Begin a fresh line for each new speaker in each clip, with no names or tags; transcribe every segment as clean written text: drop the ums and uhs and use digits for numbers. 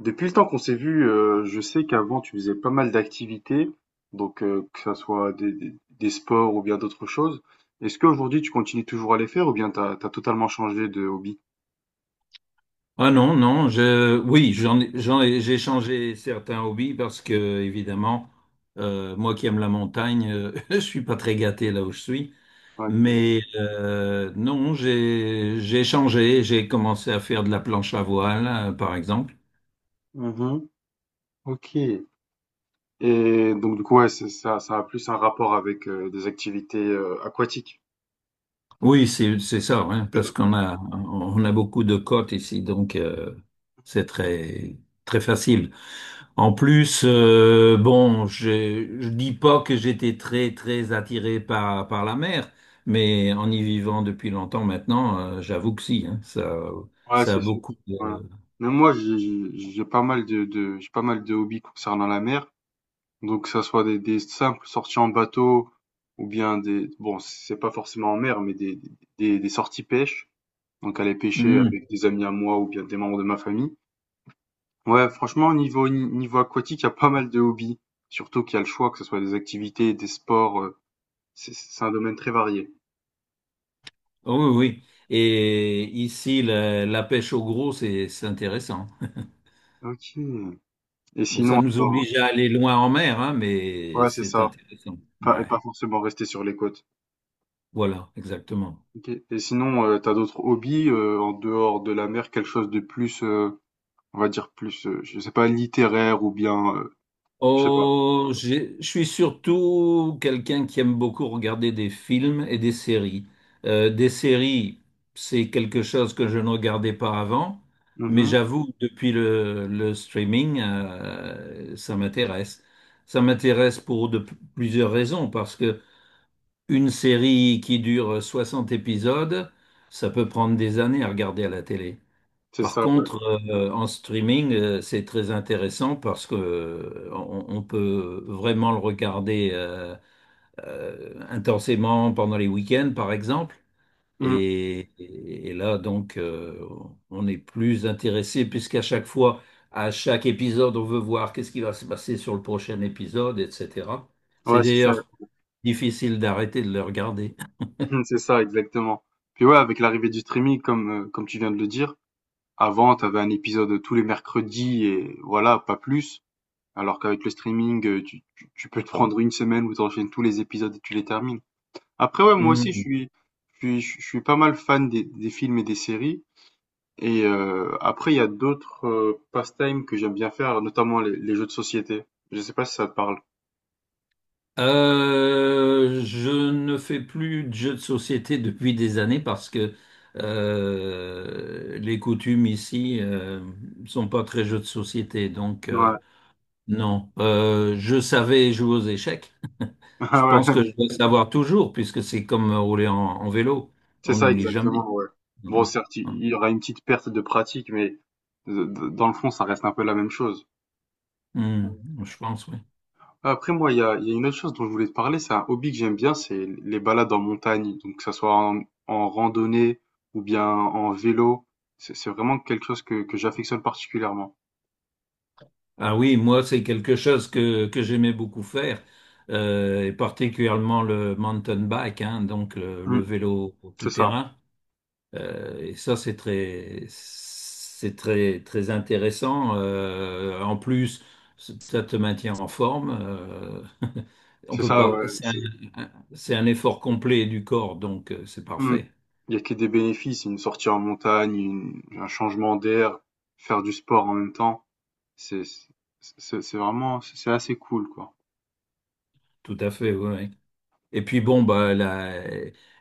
Depuis le temps qu'on s'est vu, je sais qu'avant tu faisais pas mal d'activités, donc que ça soit des sports ou bien d'autres choses. Est-ce qu'aujourd'hui tu continues toujours à les faire ou bien t'as totalement changé de hobby?
Ah non, non, oui, j'ai changé certains hobbies parce que, évidemment, moi qui aime la montagne, je suis pas très gâté là où je suis.
Ouais, cool.
Mais non, j'ai changé, j'ai commencé à faire de la planche à voile, par exemple.
Mhm. Ok. Et donc du coup ouais, ça a plus un rapport avec des activités aquatiques.
Oui, c'est ça, hein, parce on a beaucoup de côtes ici, donc c'est très, très facile. En plus, bon, je dis pas que j'étais très très attiré par la mer, mais en y vivant depuis longtemps maintenant, j'avoue que si, hein, ça
Ouais,
ça a
c'est sûr.
beaucoup
Voilà.
de.
Même moi, j'ai pas mal j'ai pas mal de hobbies concernant la mer. Donc, que ça soit des simples sorties en bateau ou bien des, bon, c'est pas forcément en mer, mais des sorties pêche. Donc, aller pêcher
Mm.
avec des amis à moi ou bien des membres de ma famille. Ouais, franchement, niveau aquatique, il y a pas mal de hobbies. Surtout qu'il y a le choix, que ce soit des activités, des sports. C'est un domaine très varié.
Oh, oui oui. Et ici, la pêche au gros, c'est intéressant.
Ok. Et
Bon, ça
sinon,
nous
alors,
oblige à aller loin en mer, hein, mais
ouais, c'est
c'est
ça.
intéressant.
Pas, et
Ouais,
pas forcément rester sur les côtes.
voilà, exactement.
Ok. Et sinon, t'as d'autres hobbies en dehors de la mer, quelque chose de plus on va dire plus, je sais pas, littéraire ou bien, je sais pas.
Oh, je suis surtout quelqu'un qui aime beaucoup regarder des films et des séries. Des séries, c'est quelque chose que je ne regardais pas avant, mais
Mmh.
j'avoue, depuis le streaming, ça m'intéresse. Ça m'intéresse pour plusieurs raisons, parce que une série qui dure 60 épisodes, ça peut prendre des années à regarder à la télé.
C'est
Par
ça, ouais.
contre, en streaming, c'est très intéressant parce que on peut vraiment le regarder intensément pendant les week-ends, par exemple.
Mmh.
Et là, donc, on est plus intéressé puisqu'à chaque fois, à chaque épisode, on veut voir qu'est-ce qui va se passer sur le prochain épisode, etc. C'est
Ouais, c'est ça.
d'ailleurs difficile d'arrêter de le regarder.
C'est ça, exactement. Puis ouais, avec l'arrivée du streaming, comme, comme tu viens de le dire, avant, tu avais un épisode tous les mercredis et voilà, pas plus. Alors qu'avec le streaming, tu peux te prendre une semaine où tu enchaînes tous les épisodes et tu les termines. Après ouais, moi aussi je suis pas mal fan des films et des séries. Et après, il y a d'autres pastimes que j'aime bien faire, notamment les jeux de société. Je sais pas si ça te parle.
Je ne fais plus de jeux de société depuis des années parce que les coutumes ici sont pas très jeux de société. Donc
Ouais.
non, je savais jouer aux échecs. Je
Ah
pense que
ouais,
je vais savoir toujours puisque c'est comme rouler en, en vélo.
c'est
On
ça
n'oublie jamais.
exactement, ouais. Bon,
Non.
certes, il
Hein.
il y aura une petite perte de pratique, mais dans le fond, ça reste un peu la même chose.
Hmm, je pense, oui.
Après, moi, il y a une autre chose dont je voulais te parler, c'est un hobby que j'aime bien, c'est les balades en montagne. Donc, que ça soit en, en randonnée ou bien en vélo, c'est vraiment quelque chose que j'affectionne particulièrement.
Ah oui, moi, c'est quelque chose que j'aimais beaucoup faire, et particulièrement le mountain bike, hein, donc le
Mm,
vélo
c'est ça,
tout-terrain. Et ça, c'est très, très intéressant. En plus, ça te maintient en forme, on
c'est
peut
ça,
pas.
ouais.
C'est un effort complet du corps, donc c'est
Mmh.
parfait.
Il y a que des bénéfices, une sortie en montagne, une un changement d'air, faire du sport en même temps, c'est c'est c'est vraiment c'est assez cool, quoi.
Tout à fait, oui. Et puis bon, bah, la,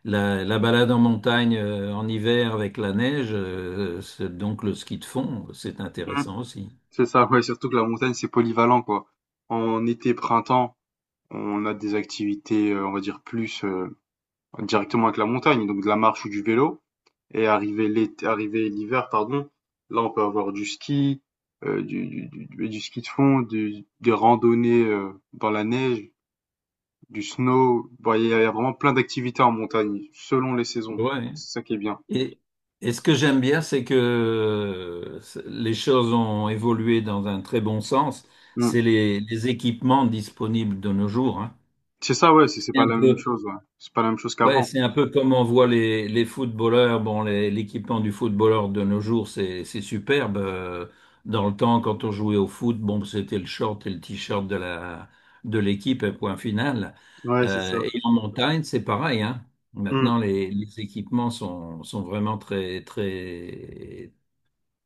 la, la balade en montagne en hiver avec la neige, c'est donc le ski de fond, c'est
Mmh.
intéressant aussi.
C'est ça, ouais, surtout que la montagne, c'est polyvalent, quoi. En été, printemps, on a des activités, on va dire plus, directement avec la montagne, donc de la marche ou du vélo et arrivé l'hiver, pardon, là, on peut avoir du ski de fond, du des randonnées, dans la neige, du snow. Bon, il y a vraiment plein d'activités en montagne, selon les saisons.
Ouais.
C'est ça qui est bien.
Et, et ce que j'aime bien, c'est que les choses ont évolué dans un très bon sens.
Mm.
C'est les équipements disponibles de nos jours, hein.
C'est ça, ouais, c'est
C'est
pas
un
la même
peu,
chose, ouais. C'est pas la même chose
ouais,
qu'avant.
c'est un peu comme on voit les footballeurs. Bon, l'équipement du footballeur de nos jours, c'est superbe. Dans le temps, quand on jouait au foot, bon, c'était le short et le t-shirt de la de l'équipe, et point final.
Ouais, c'est ça.
Et en montagne, c'est pareil, hein.
Mm.
Maintenant, les équipements sont, sont vraiment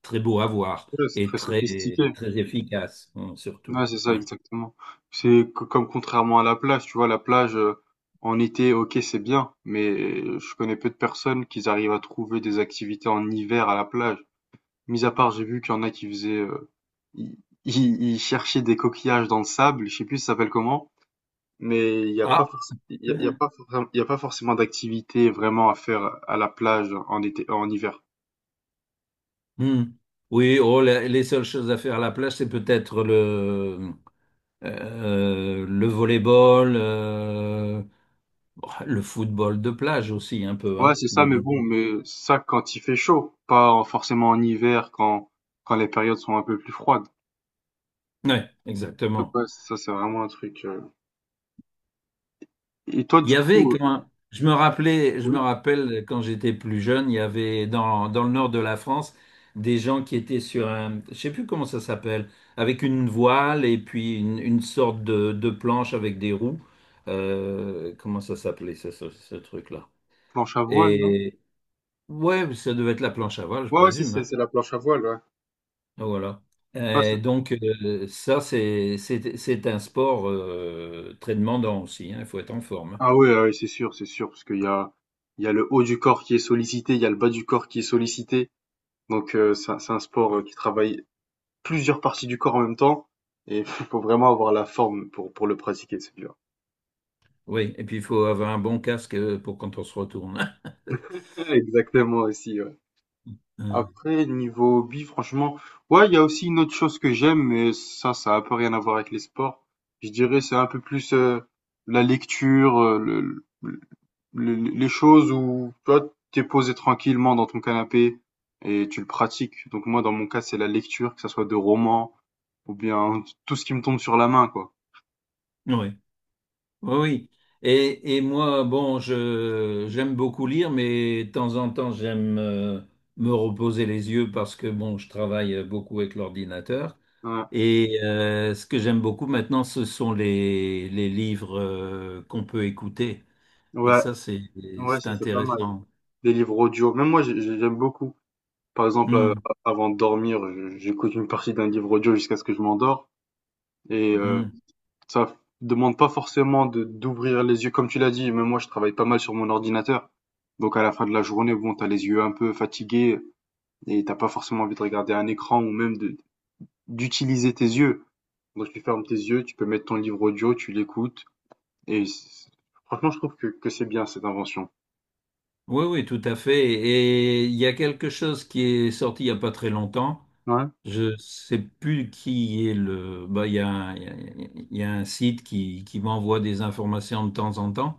très beaux à voir
Ouais, c'est
et
très
très
sophistiqué.
très efficaces, hein, surtout.
Ouais, c'est ça,
Ouais.
exactement. Comme contrairement à la plage, tu vois, la plage, en été, ok, c'est bien, mais je connais peu de personnes qui arrivent à trouver des activités en hiver à la plage. Mis à part, j'ai vu qu'il y en a qui faisaient, ils ils cherchaient des coquillages dans le sable, je sais plus ça s'appelle comment. Mais
Ah.
il y a pas forcément d'activité vraiment à faire à la plage en été, en hiver.
Hmm. Oui, oh, les seules choses à faire à la plage, c'est peut-être le volleyball, bah, le football de plage aussi un peu,
Ouais,
hein,
c'est ça,
de
mais
nos
bon,
jours.
mais ça quand il fait chaud, pas en- forcément en hiver quand quand les périodes sont un peu plus froides.
Ouais,
Donc
exactement.
ouais, ça c'est vraiment un truc. Et toi,
Il
du
y avait
coup,
quand je me rappelais, je me
oui,
rappelle quand j'étais plus jeune, il y avait dans le nord de la France des gens qui étaient sur un, je sais plus comment ça s'appelle, avec une voile et puis une sorte de planche avec des roues. Comment ça s'appelait ça, ce truc-là?
planche à voile, non?
Et ouais, ça devait être la planche à voile, je
Ouais, ouais, si
présume,
c'est
hein.
c'est la planche à voile, ouais.
Voilà.
Ouais, c'est-
C'est un sport très demandant aussi, hein. Il faut être en forme.
ah ouais, ah ouais, c'est sûr, parce qu'il y a le haut du corps qui est sollicité, il y a le bas du corps qui est sollicité. Donc c'est un sport qui travaille plusieurs parties du corps en même temps et il faut vraiment avoir la forme pour le pratiquer, celui-là.
Oui, et puis il faut avoir un bon casque pour quand on se retourne.
Exactement aussi, ouais.
Euh,
Après, niveau hobby, franchement, ouais, il y a aussi une autre chose que j'aime, mais ça a un peu rien à voir avec les sports. Je dirais, c'est un peu plus la lecture, les choses où toi, t'es posé tranquillement dans ton canapé et tu le pratiques. Donc moi, dans mon cas, c'est la lecture, que ça soit de romans ou bien tout ce qui me tombe sur la main, quoi.
oui, oui, oui. Et moi, bon, je j'aime beaucoup lire, mais de temps en temps, j'aime me reposer les yeux parce que, bon, je travaille beaucoup avec l'ordinateur.
Ouais,
Et ce que j'aime beaucoup maintenant, ce sont les livres qu'on peut écouter. Et
ouais,
ça,
ouais,
c'est
ça c'est pas mal.
intéressant.
Des livres audio. Même moi, j'aime beaucoup. Par exemple,
Hmm,
avant de dormir, j'écoute une partie d'un livre audio jusqu'à ce que je m'endors. Et euh,
hmm.
ça f- demande pas forcément de d'ouvrir les yeux, comme tu l'as dit. Même moi, je travaille pas mal sur mon ordinateur. Donc à la fin de la journée, bon, t'as les yeux un peu fatigués et t'as pas forcément envie de regarder un écran ou même de d'utiliser tes yeux. Donc tu fermes tes yeux, tu peux mettre ton livre audio, tu l'écoutes. Et c'est- franchement, je trouve que c'est bien cette invention.
Oui, oui, tout à fait. Et il y a quelque chose qui est sorti il n'y a pas très longtemps.
Ouais.
Je sais plus qui est le. Bah, il y il y a un site qui m'envoie des informations de temps en temps.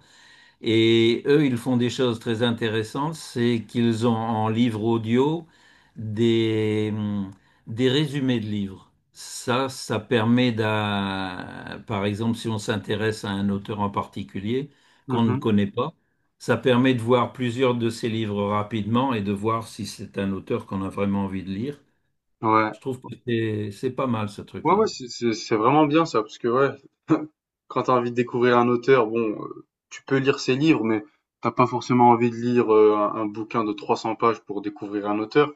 Et eux, ils font des choses très intéressantes, c'est qu'ils ont en livre audio des, hum, des résumés de livres. Ça permet d'un, par exemple, si on s'intéresse à un auteur en particulier qu'on ne
Mhm.
connaît pas, ça permet de voir plusieurs de ses livres rapidement et de voir si c'est un auteur qu'on a vraiment envie de lire.
Ouais.
Je trouve que c'est pas mal ce
Ouais, ouais,
truc-là.
c'est vraiment bien ça, parce que ouais, quand tu as envie de découvrir un auteur, bon, tu peux lire ses livres, mais t'as pas forcément envie de lire un bouquin de 300 pages pour découvrir un auteur.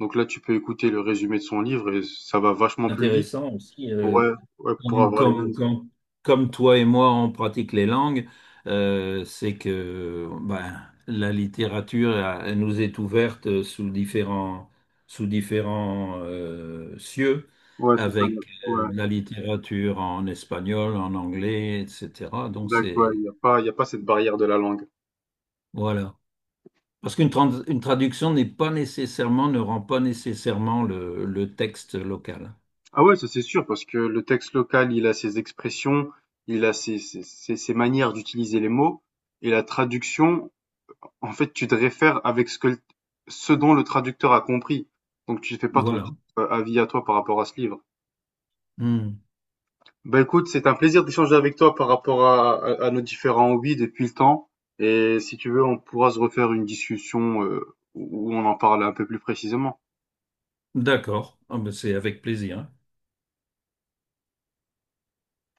Donc là, tu peux écouter le résumé de son livre et ça va vachement plus vite.
Intéressant aussi,
Ouais, ouais, pour
Comme,
avoir les mêmes.
comme, comme, comme toi et moi, on pratique les langues, c'est que ben, la littérature elle nous est ouverte sous différents cieux,
Ouais, c'est ça.
avec
Ouais,
de la littérature en espagnol, en anglais, etc. Donc
exact. Ouais,
c'est
il y a pas cette barrière de la langue.
voilà. Parce une traduction n'est pas nécessairement, ne rend pas nécessairement le texte local.
Ah ouais, ça c'est sûr, parce que le texte local, il a ses expressions, il a ses manières d'utiliser les mots, et la traduction, en fait, tu te réfères avec ce dont le traducteur a compris. Donc, tu fais pas ton
Voilà.
propre avis à toi par rapport à ce livre.
Hmm.
Bah écoute, c'est un plaisir d'échanger avec toi par rapport à nos différents hobbies depuis le temps. Et si tu veux, on pourra se refaire une discussion où on en parle un peu plus précisément.
D'accord. Ah ben, c'est avec plaisir.